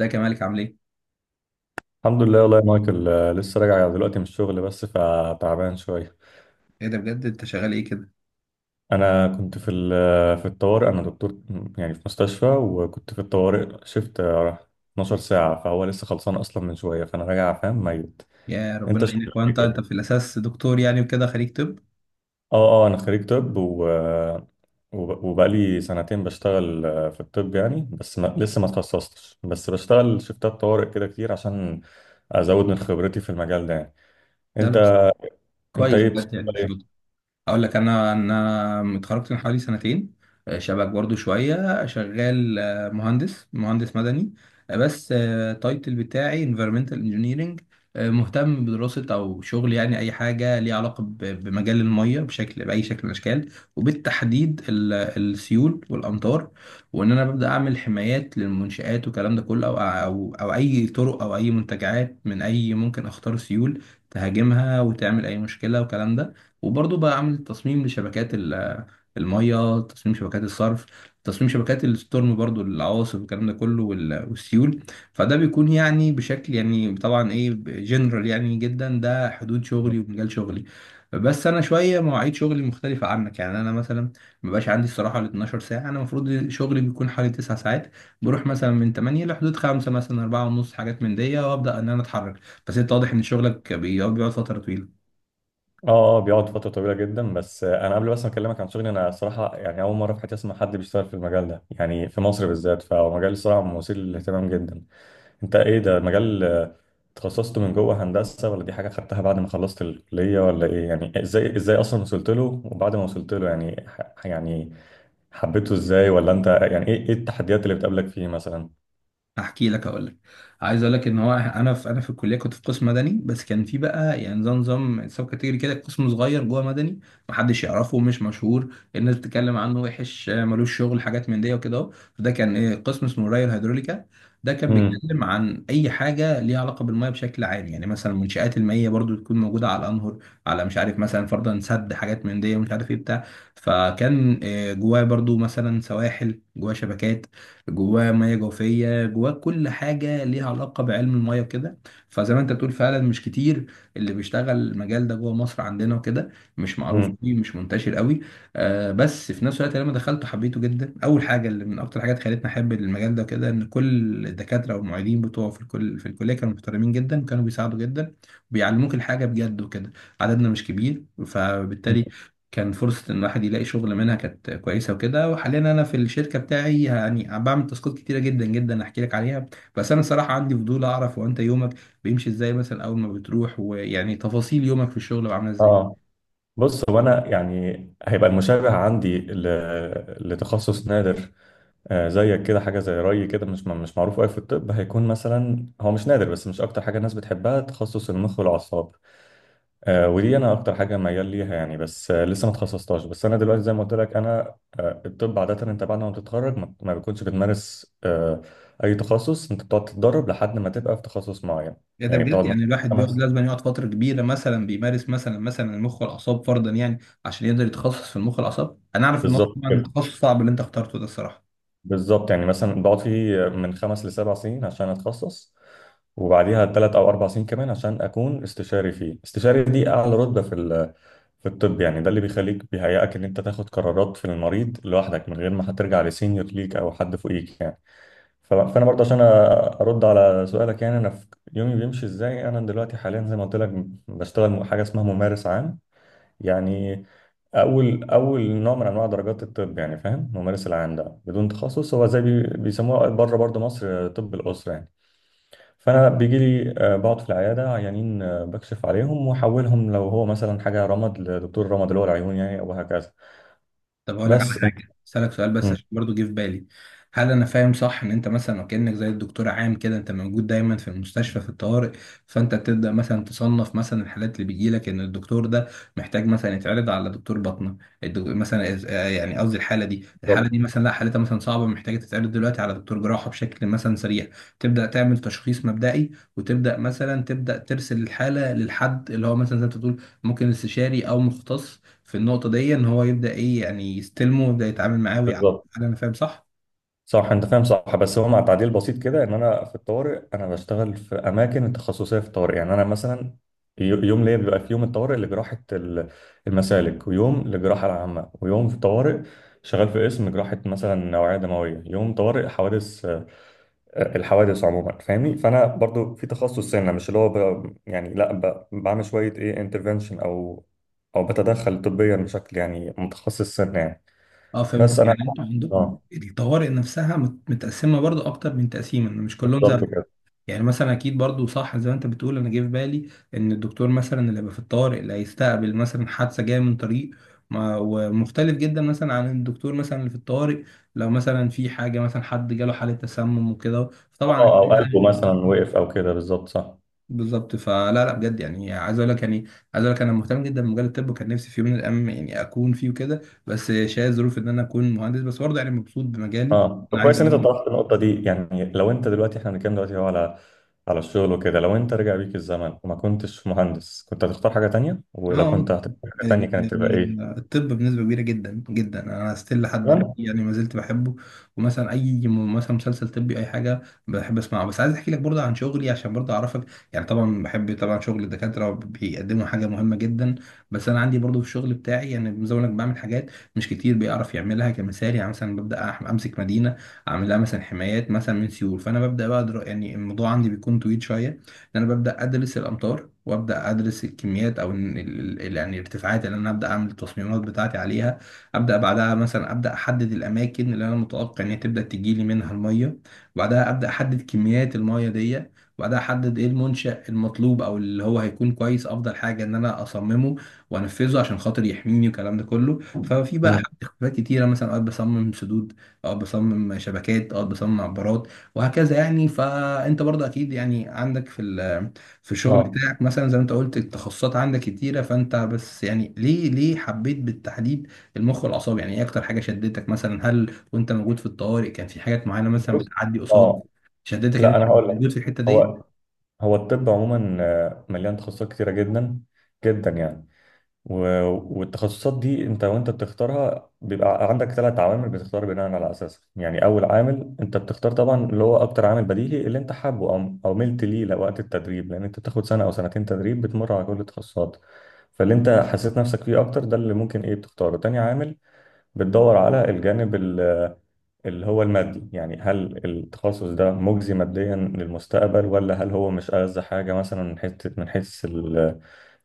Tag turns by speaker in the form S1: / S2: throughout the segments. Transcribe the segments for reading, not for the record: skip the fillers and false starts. S1: ازيك يا مالك، عامل ايه؟
S2: الحمد لله والله يا مايكل، لسه راجع دلوقتي من الشغل بس فتعبان شوية.
S1: ايه ده بجد، انت شغال ايه كده؟
S2: أنا كنت في الطوارئ. أنا دكتور يعني في مستشفى، وكنت في الطوارئ شفت 12 ساعة، فهو لسه خلصان أصلا من شوية فأنا راجع فاهم ميت.
S1: يا ربنا
S2: أنت
S1: يعينك،
S2: شغال إيه
S1: وانت
S2: كده؟
S1: في الاساس دكتور يعني، وكده خريج طب؟
S2: أه. أه، أنا خريج طب و وبقالي سنتين بشتغل في الطب يعني، بس ما... لسه ما اتخصصتش، بس بشتغل شفتات طوارئ كده كتير عشان أزود من خبرتي في المجال ده يعني.
S1: ده
S2: أنت،
S1: بس
S2: أنت
S1: كويس
S2: إيه بتشتغل
S1: بجد يعني.
S2: إيه؟
S1: اقول لك انا اتخرجت من حوالي سنتين. شبك برضو شويه، شغال مهندس مدني. بس التايتل بتاعي environmental engineering. مهتم بدراسه او شغل، يعني اي حاجه ليها علاقه بمجال الميه، بشكل باي شكل من الاشكال، وبالتحديد السيول والامطار، وان انا ببدا اعمل حمايات للمنشآت والكلام ده كله، او او اي طرق او اي منتجعات من اي ممكن اخطار سيول تهاجمها وتعمل اي مشكله والكلام ده. وبرضه بقى عامل تصميم لشبكات المية، تصميم شبكات الصرف، تصميم شبكات الستورم، برضه العواصف والكلام ده كله والسيول. فده بيكون يعني بشكل، يعني طبعا ايه جنرال يعني جدا، ده حدود شغلي ومجال شغلي. بس انا شويه مواعيد شغلي مختلفه عنك، يعني انا مثلا مبقاش عندي الصراحه ال 12 ساعه، انا المفروض شغلي بيكون حوالي 9 ساعات. بروح مثلا من 8 لحدود 5، مثلا 4 ونص، حاجات من دي، وابدا ان انا اتحرك. بس انت واضح ان شغلك بيقعد فتره طويله.
S2: اه. بيقعد فترة طويلة جدا. بس انا قبل بس ما اكلمك عن شغلي، انا صراحة يعني اول مرة في حياتي اسمع حد بيشتغل في المجال ده يعني في مصر بالذات، فهو مجال صراحة مثير للاهتمام جدا. انت، ايه ده مجال، تخصصته من جوه هندسة، ولا دي حاجة خدتها بعد ما خلصت الكلية، ولا ايه؟ يعني ازاي، ازاي اصلا وصلت له؟ وبعد ما وصلت له يعني يعني حبيته ازاي؟ ولا انت يعني ايه، ايه التحديات اللي بتقابلك فيه مثلا؟
S1: احكي لك اقول لك عايز اقول لك ان هو انا في الكليه، كنت في قسم مدني، بس كان في بقى يعني زي نظام سب كاتيجوري كده، قسم صغير جوه مدني، محدش يعرفه، مش مشهور، الناس بتتكلم عنه وحش، ملوش شغل، حاجات من دي وكده اهو. ده كان ايه، قسم اسمه الري الهيدروليكا. ده كان
S2: امم
S1: بيتكلم عن اي حاجه ليها علاقه بالميه بشكل عام، يعني مثلا المنشآت المائيه برضو تكون موجوده على الانهر، على مش عارف مثلا، فرضا سد، حاجات من دي، ومش عارف ايه بتاع. فكان جواه برضو مثلا سواحل، جواه شبكات، جواه ميه جوفيه، جواه كل حاجه ليها علاقه بعلم الميه كده. فزي ما انت بتقول، فعلا مش كتير اللي بيشتغل المجال ده جوه مصر عندنا وكده، مش معروف
S2: امم
S1: فيه، مش منتشر قوي. آه، بس في نفس الوقت لما دخلته حبيته جدا. اول حاجه اللي من اكتر حاجات خلتني احب المجال ده كده، ان كل الدكاتره والمعيدين بتوعه في الكليه كانوا محترمين جدا، كانوا بيساعدوا جدا وبيعلموك الحاجه بجد وكده. عددنا مش كبير، فبالتالي كان فرصة إن الواحد يلاقي شغل منها كانت كويسة وكده. وحاليا أنا في الشركة بتاعي يعني بعمل تاسكات كتيرة جدا جدا، أحكي لك عليها. بس أنا صراحة عندي فضول أعرف، هو أنت يومك بيمشي إزاي مثلا أول ما بتروح، ويعني تفاصيل يومك في الشغل بقى عاملة إزاي؟
S2: اه، بص، هو انا يعني هيبقى المشابه عندي لتخصص نادر. زيك كده، حاجه زي رأي كده، مش معروف قوي في الطب. هيكون مثلا هو مش نادر بس مش اكتر حاجه الناس بتحبها، تخصص المخ والاعصاب. ودي انا اكتر حاجه ميال ليها يعني، بس لسه ما اتخصصتهاش. بس انا دلوقتي زي ما قلت لك، انا الطب عاده انت بعد ما بتتخرج ما بتكونش بتمارس، اي تخصص. انت بتقعد تتدرب لحد ما تبقى في تخصص معين،
S1: يا ده
S2: يعني
S1: بجد،
S2: بتقعد
S1: يعني
S2: مثلا
S1: الواحد بيقعد،
S2: خمس.
S1: لازم يقعد فترة كبيرة مثلا بيمارس مثلا المخ والأعصاب فرضا يعني، عشان يقدر يتخصص في المخ والأعصاب. أنا أعرف إن هو
S2: بالظبط
S1: طبعا تخصص صعب اللي أنت اخترته ده، الصراحة.
S2: بالظبط، يعني مثلا بقعد فيه من خمس لسبع سنين عشان اتخصص، وبعديها ثلاث او اربع سنين كمان عشان اكون استشاري فيه. استشاري دي اعلى رتبه في الطب يعني. ده اللي بيخليك بيهيئك ان انت تاخد قرارات في المريض لوحدك من غير ما هترجع لسينيور ليك او حد فوقيك يعني. فانا برضه عشان ارد على سؤالك، يعني انا في يومي بيمشي ازاي، انا دلوقتي حاليا زي ما قلت لك بشتغل حاجه اسمها ممارس عام. يعني اول نوع من انواع درجات الطب يعني. فاهم، الممارس العام ده بدون تخصص، هو زي بيسموه بره برضه مصر طب الاسره يعني. فانا بيجي لي، بقعد في العياده عيانين، بكشف عليهم واحولهم لو هو مثلا حاجه رمد لدكتور رمد اللي هو العيون يعني، او هكذا.
S1: طب هقول لك على
S2: بس انت.
S1: حاجه، اسالك سؤال بس
S2: مم.
S1: عشان برضو جه في بالي، هل انا فاهم صح ان انت مثلا، وكانك زي الدكتور عام كده، انت موجود دايما في المستشفى في الطوارئ، فانت بتبدا مثلا تصنف مثلا الحالات اللي بيجي لك، ان الدكتور ده محتاج مثلا يتعرض على دكتور باطنه، مثلا يعني قصدي الحاله دي الحاله
S2: بالظبط،
S1: دي مثلا، لا حالتها مثلا صعبه، محتاجه تتعرض دلوقتي على دكتور جراحه بشكل مثلا سريع، تبدا تعمل تشخيص مبدئي، وتبدا مثلا تبدا ترسل الحاله للحد اللي هو، مثلا زي ما أنت بتقول، ممكن استشاري او مختص في النقطة دي، إن هو يبدأ إيه، يعني يستلمه ويبدأ يتعامل معاه ويعامل.
S2: بالظبط،
S1: هل أنا فاهم صح؟
S2: صح، انت فاهم صح، بس هو مع تعديل بسيط كده، ان انا في الطوارئ انا بشتغل في اماكن التخصصيه في الطوارئ، يعني انا مثلا يوم ليا بيبقى في يوم الطوارئ المسالك، ويوم للجراحه العامه، ويوم في الطوارئ شغال في قسم جراحه مثلا نوعيه دمويه، يوم طوارئ حوادث، الحوادث عموما، فاهمني؟ فانا برضو في تخصص سنه، مش اللي هو ب- يعني لا ب- بعمل شويه ايه انترفنشن، او او بتدخل طبيا بشكل يعني متخصص سنه يعني.
S1: أه، فهمتك
S2: بس انا.
S1: يعني، أنتوا عندكم
S2: اه،
S1: الطوارئ نفسها متقسمة برضو أكتر من تقسيم، إن مش كلهم زي
S2: بالظبط
S1: بعض.
S2: كده.
S1: يعني مثلا أكيد برضو صح زي ما أنت بتقول. أنا جه في بالي إن الدكتور مثلا اللي هيبقى في الطوارئ اللي هيستقبل مثلا حادثة جاية من طريق ومختلف جدا مثلا عن الدكتور مثلا اللي في الطوارئ، لو مثلا في حاجة مثلا حد جاله حالة تسمم وكده، فطبعا
S2: اه،
S1: أكيد
S2: او قلبه
S1: يعني
S2: مثلا وقف او كده، بالظبط، صح.
S1: بالظبط. فلا لا بجد، يعني عايز اقول لك انا مهتم جدا بمجال الطب، وكان نفسي في يوم من الايام يعني اكون فيه وكده، بس شايف ظروف ان انا اكون مهندس، بس برضه يعني مبسوط بمجالي.
S2: اه، طب
S1: انا عايز
S2: كويس ان انت
S1: اقول،
S2: طرحت النقطه دي، يعني لو انت دلوقتي، احنا بنتكلم دلوقتي هو على على الشغل وكده، لو انت رجع بيك الزمن وما كنتش مهندس كنت هتختار حاجه تانية؟ ولو كنت
S1: اه،
S2: هتختار حاجه تانية
S1: يعني
S2: كانت تبقى ايه؟
S1: الطب بنسبة كبيرة جدا جدا انا ستيل لحد
S2: تمام.
S1: دلوقتي، يعني ما زلت بحبه، ومثلا اي مثلا مسلسل طبي، اي حاجة بحب اسمعه. بس عايز احكي لك برضه عن شغلي عشان برضه اعرفك. يعني طبعا بحب، طبعا شغل الدكاترة بيقدموا حاجة مهمة جدا، بس انا عندي برضه في الشغل بتاعي يعني، زي ما أقول لك، بعمل حاجات مش كتير بيعرف يعملها، كمثال يعني مثلا ببدأ امسك مدينة، اعمل لها مثلا حمايات مثلا من سيول، فانا ببدأ بقى يعني الموضوع عندي بيكون طويل شوية، ان انا ببدا ادرس الامطار وابدا ادرس الكميات، او إن يعني الارتفاعات اللي انا ابدا اعمل التصميمات بتاعتي عليها، ابدا بعدها مثلا ابدا احدد الاماكن اللي انا متوقع ان هي تبدا تجي لي منها الميه، وبعدها ابدا احدد كميات الميه دي، وبعدها احدد ايه المنشأ المطلوب او اللي هو هيكون كويس، افضل حاجه ان انا اصممه وانفذه عشان خاطر يحميني والكلام ده كله. ففي بقى
S2: مم.
S1: حاجات اختلافات كتيره، مثلا اوقات بصمم سدود، اوقات بصمم شبكات، اوقات بصمم عبارات، وهكذا يعني. فانت برضه اكيد يعني عندك في الشغل
S2: اه،
S1: بتاعك، مثلا زي ما انت قلت التخصصات عندك كتيره، فانت بس يعني ليه حبيت بالتحديد المخ والاعصاب؟ يعني ايه اكتر حاجه شدتك مثلا؟ هل وانت موجود في الطوارئ كان في حاجات معينه مثلا
S2: بص،
S1: بتعدي قصاد
S2: اه،
S1: شدتك ان
S2: لا
S1: انت
S2: انا هقول لك.
S1: موجود في الحته دي؟
S2: هو هو الطب عموما مليان تخصصات كتيره جدا جدا يعني. والتخصصات دي انت وانت بتختارها بيبقى عندك ثلاث عوامل بتختار بناء على اساسها يعني. اول عامل انت بتختار طبعا اللي هو اكتر عامل بديهي، اللي انت حابه او او ملت ليه لوقت التدريب، لان انت بتاخد سنه او سنتين تدريب بتمر على كل التخصصات، فاللي انت حسيت نفسك فيه اكتر ده اللي ممكن ايه بتختاره. تاني عامل، بتدور على اللي هو المادي، يعني هل التخصص ده مجزي ماديا للمستقبل، ولا هل هو مش ألذ حاجه مثلا من حيث، من حيث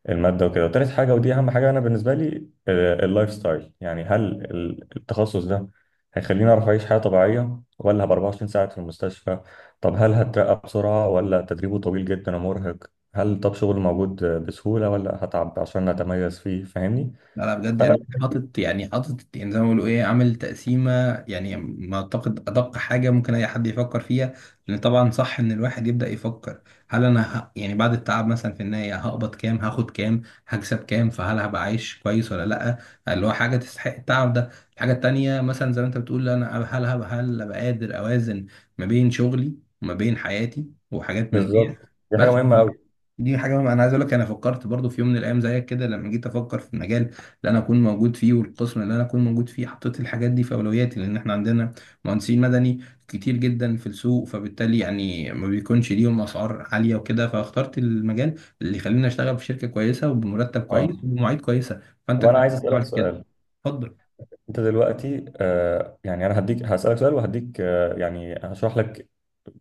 S2: المادة وكده. وتالت حاجة، ودي أهم حاجة أنا بالنسبة لي، اللايف ستايل. يعني هل التخصص ده هيخليني أعرف أعيش حياة طبيعية، ولا هبقى 24 ساعة في المستشفى؟ طب هل هترقى بسرعة، ولا تدريبه طويل جدا ومرهق؟ هل طب شغل موجود بسهولة، ولا هتعب عشان أتميز فيه؟ فاهمني؟
S1: لا لا بجد
S2: فأنا.
S1: يعني، حاطط يعني زي ما بيقولوا ايه، عامل تقسيمه، يعني ما اعتقد ادق حاجه ممكن اي حد يفكر فيها. لان طبعا صح ان الواحد يبدا يفكر، هل انا يعني بعد التعب مثلا في النهايه هقبض كام؟ هاخد كام؟ هكسب كام؟ فهل هبقى عايش كويس ولا لا؟ اللي هو حاجه تستحق التعب ده. الحاجه التانيه مثلا، زي ما انت بتقول، انا هل ابقى قادر اوازن ما بين شغلي وما بين حياتي وحاجات من دي.
S2: بالظبط، دي حاجة
S1: بس
S2: مهمة أوي.
S1: دي حاجه انا عايز اقول لك، انا فكرت برضو في يوم من الايام زيك كده لما جيت افكر في المجال اللي انا اكون موجود فيه، والقسم اللي انا اكون موجود فيه، حطيت الحاجات دي في اولوياتي، لان احنا عندنا مهندسين مدني كتير جدا في السوق، فبالتالي يعني ما بيكونش ليهم اسعار عاليه وكده، فاخترت المجال اللي يخليني اشتغل في شركه كويسه وبمرتب كويس
S2: أه،
S1: وبمواعيد كويسه، فانت
S2: طب أنا
S1: كويس
S2: عايز
S1: إنك
S2: أسألك
S1: عملت كده.
S2: سؤال.
S1: اتفضل.
S2: أنت دلوقتي يعني، أنا هديك هسألك سؤال وهديك، يعني هشرح لك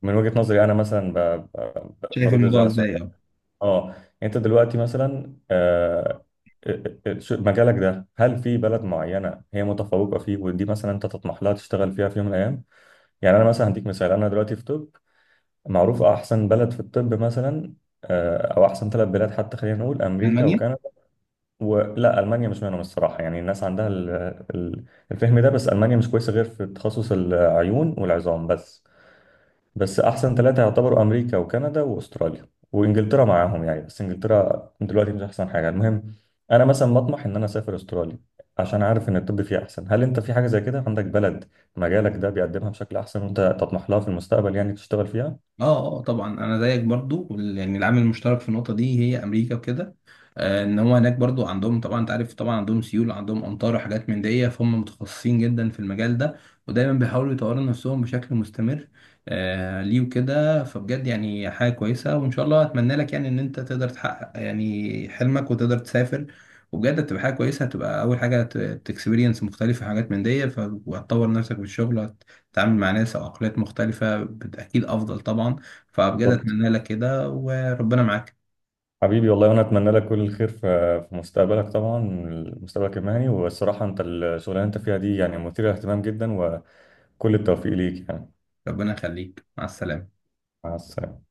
S2: من وجهة نظري أنا، مثلا
S1: شايف
S2: برد إزاي
S1: الموضوع
S2: على السؤال.
S1: ازاي؟ اه.
S2: اه، انت دلوقتي مثلا، مجالك ده هل في بلد معينه هي متفوقه فيه، ودي مثلا انت تطمح لها تشتغل فيها في يوم من الايام؟ يعني انا مثلا هديك مثال، انا دلوقتي في طب، معروف احسن بلد في الطب مثلا او احسن ثلاث بلاد حتى، خلينا نقول امريكا
S1: المانيا.
S2: وكندا. ولا المانيا مش منهم الصراحه، يعني الناس عندها ال- الفهم ده، بس المانيا مش كويسه غير في تخصص العيون والعظام بس. بس احسن ثلاثة يعتبروا امريكا وكندا واستراليا، وانجلترا معاهم يعني، بس انجلترا دلوقتي مش احسن حاجة. المهم، انا مثلا بطمح ان انا اسافر استراليا عشان عارف ان الطب فيها احسن. هل انت في حاجة زي كده، عندك بلد مجالك ده بيقدمها بشكل احسن، وانت تطمح لها في المستقبل يعني تشتغل فيها؟
S1: اه، اه، طبعا انا زيك برضو، يعني العامل المشترك في النقطه دي هي امريكا وكده. ان هو هناك برضو عندهم، طبعا انت عارف، طبعا عندهم سيول، عندهم امطار وحاجات من دي، فهم متخصصين جدا في المجال ده، ودايما بيحاولوا يطوروا نفسهم بشكل مستمر. ليه وكده، فبجد يعني حاجه كويسه، وان شاء الله اتمنى لك يعني ان انت تقدر تحقق يعني حلمك وتقدر تسافر. وبجد هتبقى حاجه كويسه، هتبقى اول حاجه تكسبيرينس مختلفه، حاجات من دي، فهتطور نفسك في الشغل، تتعامل مع ناس او عقليات مختلفه اكيد افضل طبعا. فبجد
S2: بالظبط.
S1: اتمنى لك كده وربنا معاك.
S2: حبيبي والله، وانا اتمنى لك كل الخير في في مستقبلك طبعا، مستقبلك المهني. والصراحة انت الشغلانة اللي انت فيها دي يعني مثيرة للاهتمام جدا، وكل التوفيق ليك يعني.
S1: ربنا يخليك، مع السلامه.
S2: مع السلامة.